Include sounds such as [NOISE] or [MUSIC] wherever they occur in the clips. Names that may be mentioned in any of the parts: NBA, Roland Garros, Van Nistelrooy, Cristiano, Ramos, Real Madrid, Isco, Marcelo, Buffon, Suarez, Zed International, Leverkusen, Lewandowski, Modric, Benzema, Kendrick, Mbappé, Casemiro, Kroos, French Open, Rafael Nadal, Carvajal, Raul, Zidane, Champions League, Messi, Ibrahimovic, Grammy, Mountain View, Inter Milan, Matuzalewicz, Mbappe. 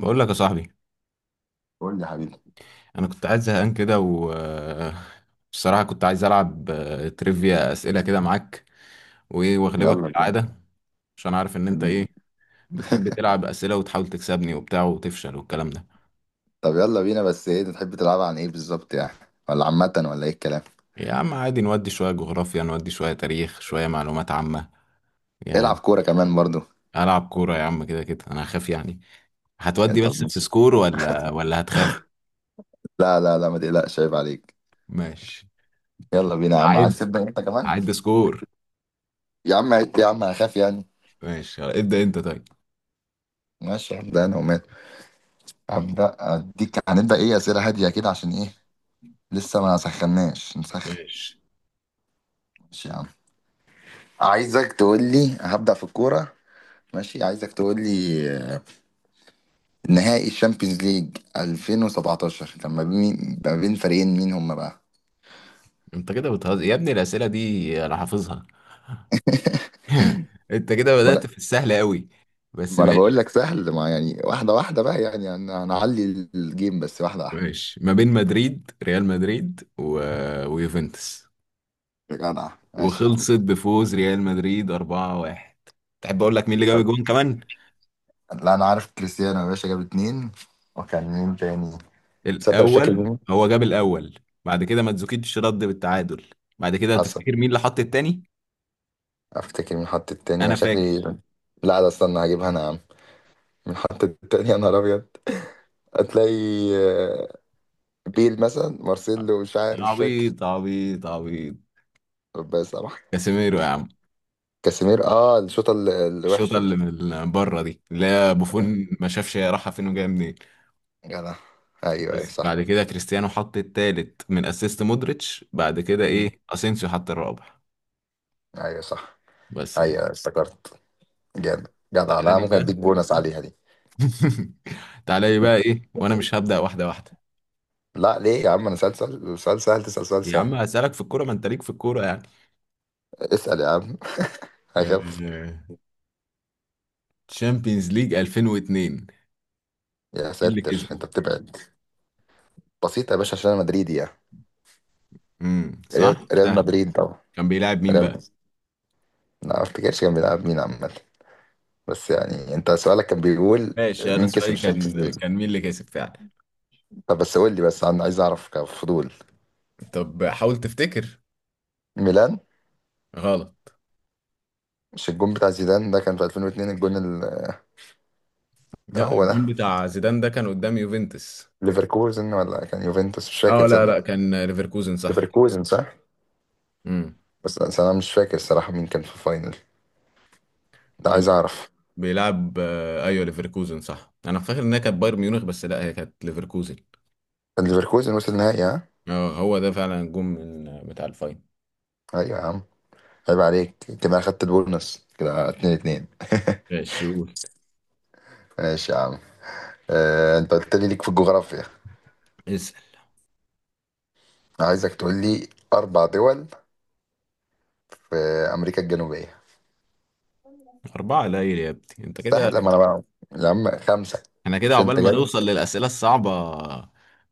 بقول لك يا صاحبي، قول لي يا حبيبي. انا كنت قاعد زهقان كده و [LAUGHS] بصراحه كنت عايز العب تريفيا اسئله كده معاك وايه، واغلبك يلا بينا. كالعاده عشان عارف ان انت مم. ايه، بتحب [LAUGHS] تلعب اسئله وتحاول تكسبني وبتاع وتفشل والكلام ده. طب، يلا بينا، بس ايه انت تحب تلعب عن ايه بالظبط يعني، ولا عامة ولا ايه الكلام؟ يا عم عادي، نودي شويه جغرافيا، نودي شويه تاريخ، شويه معلومات عامه العب يعني. كورة كمان برضو. العب كوره يا عم، كده كده انا هخاف يعني. يا هتودي طب بس في مش سكور ولا هتخاف؟ لا لا لا، ما تقلقش، عيب عليك. ماشي. يلا بينا يا عم، عد، عايز تبدأ انت كمان؟ عد سكور. يا عم، يا عم هخاف يعني. ماشي ابدا انت طيب. ماشي، هبدأ انا ومال. هبدأ اديك، هنبدأ ايه، أسئلة هادية كده، عشان ايه؟ لسه ما سخناش، نسخن. ماشي. ماشي يا عم. عايزك تقول لي، هبدأ في الكورة. ماشي، عايزك تقول لي نهائي الشامبيونز ليج 2017 كان ما بين فريقين، مين هم بقى؟ انت كده بتهزر يا ابني، الاسئله دي انا حافظها. [LAUGHS] انت كده ما بدات انا في السهل قوي، بس ما أنا بقول ماشي لك سهل، ما يعني، واحده واحده بقى يعني انا هنعلي الجيم بس واحده واحده. ماشي ما بين مدريد، ريال مدريد و... ويوفنتوس. يا جدع، ماشي يا عم. وخلصت بفوز ريال مدريد 4-1. تحب اقول لك مين اللي جاب طب، الجون كمان؟ لا انا عارف كريستيانو يا باشا جاب اتنين، وكان مين تاني؟ تصدق، مش فاكر الاول مين. هو جاب الاول، بعد كده ماتزوكيتش رد بالتعادل. بعد كده حصل. تفتكر مين اللي حط التاني؟ افتكر مين حط التاني، انا فاكر. شكلي. لا ده، استنى هجيبها انا يا عم. مين حط التاني يا نهار ابيض؟ هتلاقي آه، بيل مثلا، مارسيلو، مش عارف، انا مش فاكر. عبيط عبيط عبيط. ربنا يسامحك. كاسيميرو يا عم. كاسيمير، الشوطه الشوطه الوحشه دي. اللي من بره دي، اللي هي آه. بوفون ما شافش هي رايحه فين وجايه منين. جدع. ايوه ايوه بس صح. بعد كده كريستيانو حط التالت من اسيست مودريتش، بعد كده مم. ايه اسينسيو حط الرابع. ايوه صح. بس كده. ايوه افتكرت. جامد، جدع. تعالى لا، لي ممكن اديك بقى. بونص عليها دي. [LAUGHS] تعالى لي بقى ايه وانا مش هبدأ واحده واحده؟ لا ليه يا عم، انا سألت سؤال سهل، تسأل سؤال يا عم سهل. هسألك في الكوره، ما انت ليك في الكوره يعني. اسأل يا عم. [LAUGHS] هخف. آه... تشامبيونز ليج 2002، مين يا اللي ساتر، انت كسبه؟ بتبعد. بسيط يا باشا، عشان انا مدريدي يعني. امم، ريال صح ريال سهل. مدريد طبعا. كان بيلعب مين ريال بقى؟ لا ما افتكرش كان بيلعب مين عامة، بس يعني انت سؤالك كان بيقول ماشي، انا مين كسب سؤالي الشامبيونز كان ليج. كان مين اللي كسب فعلا. طب بس قول لي بس، انا عايز اعرف كفضول. طب حاول تفتكر. ميلان. غلط. مش الجون بتاع زيدان ده كان في 2002؟ الجون ده لا، هو ده. الجون بتاع زيدان ده كان قدام يوفنتوس. ليفركوزن ولا كان يوفنتوس، مش فاكر اه لا لا، تصدق. كان ليفركوزن صح. ليفركوزن صح. امم. بس انا مش فاكر الصراحه مين كان في الفاينل ده، كان عايز اعرف. بيلعب ايوه ليفركوزن صح، انا فاكر انها كانت بايرن ميونخ، بس لا هي كانت ليفركوزن. كان ليفركوزن وصل نهائي، ها؟ اه هو ده فعلا الجون من بتاع الفاين. ايوه يا عم، عيب عليك. كده اخدت البونص، كده 2 2. ماشي قول. ماشي يا عم. آه، انت قلت لي ليك في الجغرافيا. اسال. عايزك تقول لي اربع دول في امريكا الجنوبيه. اربعه قليل يا ابني، انت كده سهل، لما انا بقى. يا عم خمسه. احنا كده مش عقبال انت ما جامد. نوصل للاسئله الصعبه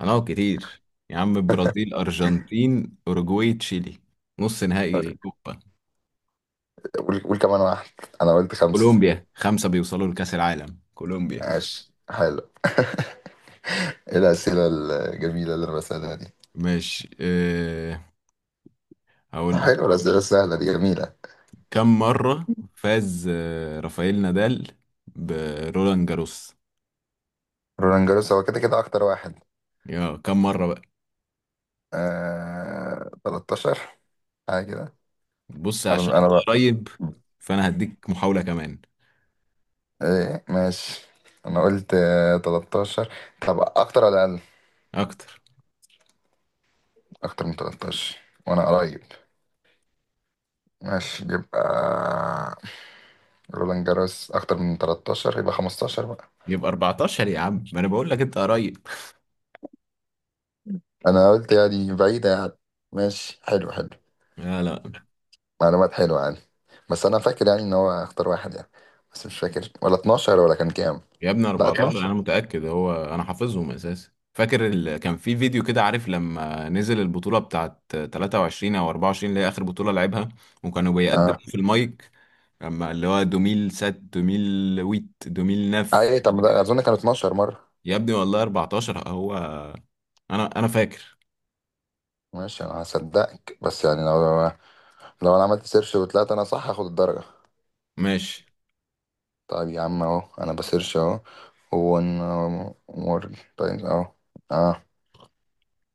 هنقعد كتير. يا عم البرازيل، ارجنتين، اوروجواي، تشيلي، نص نهائي كوبا. قول قول كمان واحد، انا قلت خمسه. كولومبيا، خمسه بيوصلوا لكاس العالم، كولومبيا. ماشي، حلو. [LAUGHS] ايه الأسئلة الجميلة اللي أنا بسألها دي؟ ماشي أه، هقول لك. حلو، الأسئلة السهلة دي جميلة. كم مرة فاز رافائيل نادال برولان جاروس؟ رولان جاروس هو كده كده أكتر واحد. يا كم مرة بقى. 13 حاجة كده. بص عشان أنا انت بقى، قريب، فانا هديك محاولة كمان. إيه ماشي. أنا قلت 13. طب أكتر ولا أقل؟ اكتر. أكتر من 13، وأنا قريب. ماشي، يبقى رولان جاروس أكتر من 13، يبقى 15 بقى. يبقى 14 يا عم، ما انا بقول لك انت قريب. أنا قلت يعني بعيدة يعني. ماشي، حلو حلو. لا لا، معلومات حلوة يعني. بس أنا فاكر يعني إن هو اختار واحد يعني. بس مش فاكر ولا 12 ولا كان كام. يا ابني لا كام، 14 انا 12. متأكد، هو انا حافظهم اساسا. فاكر كان في فيديو كده، عارف لما نزل البطولة بتاعت 23 او 24 اللي هي اخر بطولة لعبها، وكانوا اه، بيقدموا في المايك اما اللي هو 2007، 2008، أي طب ما ده 2009. أظن كان 12 مرة. يا ابني والله 14 هو. انا فاكر ماشي، أنا هصدقك. بس يعني لو أنا عملت سيرش وطلعت أنا صح، هاخد الدرجة. ماشي. طيب يا عم، أهو أنا بسيرش أهو. ون مورج، طيب أهو. اه،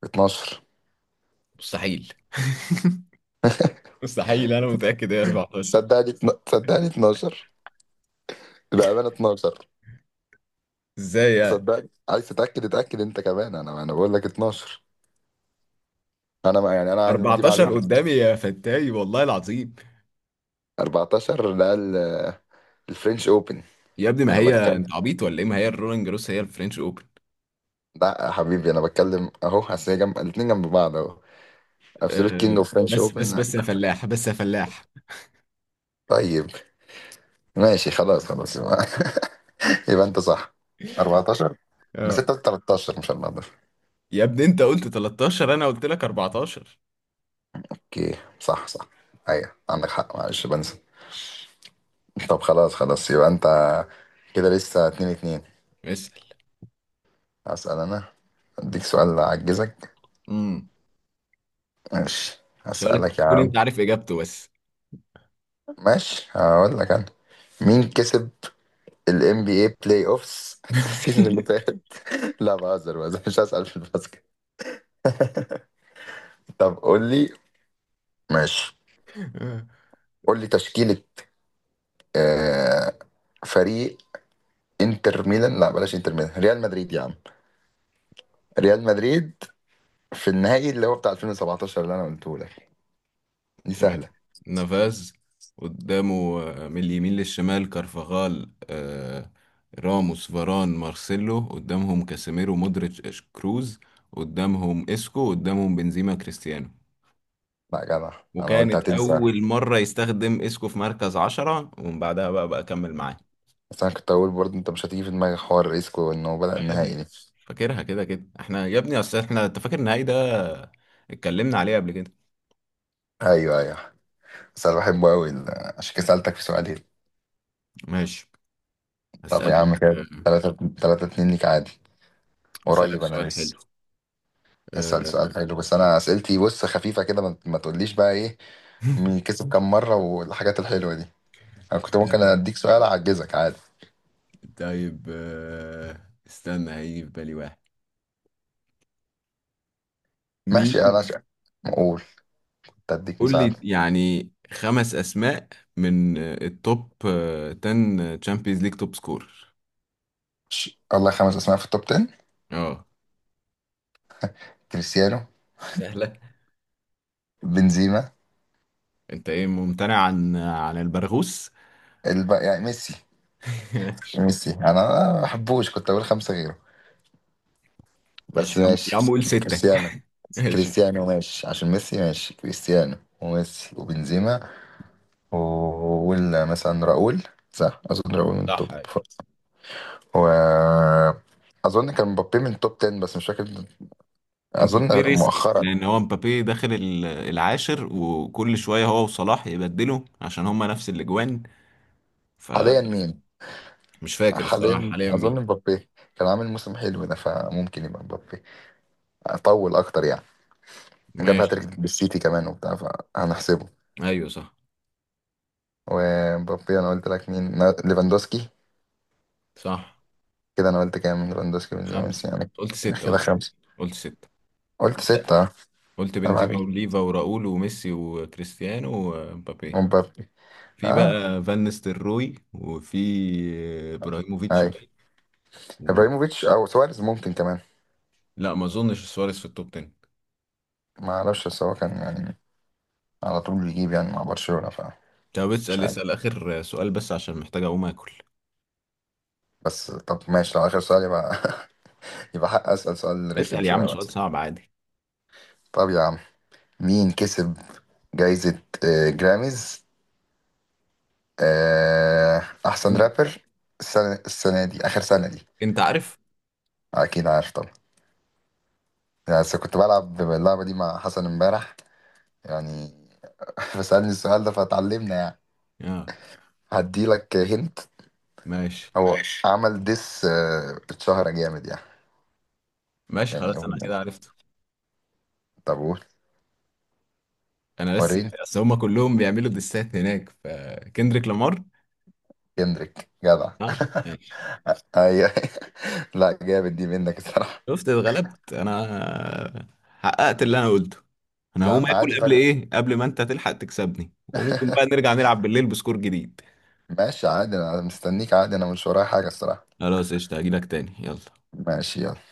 12. مستحيل. [LAUGHS] مستحيل، انا متأكد هي 14. صدقني، صدقني 12. بأمانة 12. ازاي يعني؟ صدقني، عايز تتأكد اتأكد أنت كمان، أنا بقول لك 12. أنا ما يعني، أنا عندي دي 14 معلومتي. قدامي يا فتاي والله العظيم. 14 ده الفرنش اوبن. يا ابني ما انا هي، بتكلم. انت عبيط ولا ايه؟ ما هي الرولينج جروس هي الفرنش اوبن. لا يا حبيبي، انا بتكلم اهو، اصل هي جنب الاتنين، جنب بعض اهو. ابسولوت كينج أه اوف فرنش بس بس اوبن. بس يا فلاح، بس يا فلاح. طيب، ماشي. خلاص خلاص. [LAUGHS] يبقى، يبقى انت صح. 14. بس اه انت قلت 13، مش 14. يا ابني انت قلت 13، انا قلت لك 14. اوكي، صح صح. ايوه، عندك حق، معلش بنسى. طب خلاص خلاص، يبقى انت كده لسه 2 2. اسال. هسأل انا. اديك سؤال اعجزك. امم ماشي، سؤالك هسألك يا تكون عم. انت عارف اجابته بس. ماشي، هقول لك انا. مين كسب ال NBA بلاي اوفس [LAUGHS] السيزون اللي فات؟ لا، بهزر بهزر، مش هسأل في الباسكت. [LAUGHS] طب قول لي. ماشي، [LAUGHS] قول لي تشكيلة آه فريق انتر ميلان، لا بلاش انتر ميلان، ريال مدريد يا عم. ريال مدريد في النهائي اللي هو بتاع 2017 اللي انا قلته لك، دي سهلة. ماشي. نافاز، قدامه من اليمين للشمال كارفاغال، راموس، فاران، مارسيلو. قدامهم كاسيميرو، مودريتش، كروز. قدامهم اسكو. قدامهم بنزيما، كريستيانو. لا يا جدع، انا قلت وكانت هتنسى. أول مرة يستخدم اسكو في مركز عشرة، ومن بعدها بقى كمل معاه. بس انا كنت اقول برضه انت مش هتيجي في دماغك حوار ريسكو انه بدأ آه يا النهائي ابني، دي. فاكرها كده كده احنا. يا ابني اصل احنا، انت فاكر النهائي ده، اتكلمنا عليه قبل كده. ايوه ايوه، بس انا بحبه قوي، عشان كده سألتك في سؤالين. ماشي طب يا هسألك. عم، كده آه، 3 3 2 ليك عادي. هسألك قريب انا سؤال لسه. حلو. آه، اسال سؤال حلو، بس انا اسئلتي بص خفيفه كده، ما تقوليش بقى ايه. مين كسب كام مره، والحاجات الحلوه دي. انا كنت ممكن [LAUGHS] اديك سؤال اعجزك عادي. طيب استنى هيجي في بالي واحد. ماشي، مين؟ انا اقول تديك قول لي مساعده. يعني خمس اسماء من التوب 10 تشامبيونز ليج توب سكور. الله، خمس اسماء في التوب 10. اه كريستيانو. سهلة. بنزيما. انت ايه ممتنع عن البرغوث؟ يعني ميسي. [LAUGHS] ماشي. ميسي انا ما بحبوش، كنت اقول خمسه غيره. ماشي بس يا عم، يا عم ماشي، قول ستة. كريستيانو. [LAUGHS] ماشي. كريستيانو ماشي، عشان ميسي ماشي كريستيانو وميسي وبنزيما. وقول مثلا راؤول. صح، اظن راؤول من صح، التوب و اظن كان مبابي من التوب 10 بس مش فاكر، اظن. امبابي ريسكي، مؤخرا، لان هو امبابي داخل العاشر، وكل شوية هو وصلاح يبدلوا عشان هما نفس الاجوان. حاليا فمش مين؟ فاكر الصراحة حاليا حاليا اظن مين. مبابي. كان عامل موسم حلو ده، فممكن يبقى مبابي اطول اكتر يعني. جاب ماشي. هاتريك بالسيتي كمان وبتاع، فهنحسبه. ايوه صح ومبابي انا قلت لك، مين ليفاندوسكي. صح. كده انا قلت كام، ليفاندوسكي من بس خمسة يعني. قلت، ستة كده قلت، ستة خمسه. قلت، ستة قلت قلت سته اه. قلت عيب بنزيما عليك. وليفا وراؤول وميسي وكريستيانو ومبابي. مبابي. في اه. بقى فان نيستلروي، وفي ابراهيموفيتش باين. ايوه. و... ابراهيموفيتش او سواريز ممكن كمان. لا ما اظنش سواريز في التوب 10. ما اعرفش، بس هو كان يعني على طول بيجيب يعني مع برشلونة، فمش طب اسأل، عارف. اسأل اخر سؤال بس عشان محتاج اقوم اكل. بس طب ماشي، لو آخر سؤال يبقى، [LAUGHS] يبقى حق أسأل سؤال رخم اسأل يا شوية عم سؤال بس. صعب عادي. طب يا عم، مين كسب جايزة جراميز، آه، أحسن انت رابر السنة دي، آخر سنة دي؟ انت عارف. أكيد عارف طبعا، يعني. بس كنت بلعب اللعبة دي مع حسن امبارح يعني. [LAUGHS] فسألني السؤال ده فتعلمنا يعني. اه هديلك هنت. ماشي. هو ماشي. عمل ديس، اتشهر جامد يعني. ماشي يعني خلاص، انا كده عرفته. طب قول انا بس، وريني. اصل هم كلهم بيعملوا دسات هناك، فكندريك لامار. كندريك، جدع. [LAUGHS] ها ماشي. ايوه. لا جامد دي منك الصراحه. شفت اتغلبت انا، حققت اللي انا قلته. انا يا هقوم عم عادي، اكل قبل فرق. ايه، قبل ما انت تلحق تكسبني. وممكن بقى [LAUGHS] نرجع نلعب بالليل بسكور جديد. ماشي عادي، انا مستنيك عادي، انا مش ورايا حاجه الصراحه. خلاص قشطة، هجيلك تاني يلا. ماشي، يلا.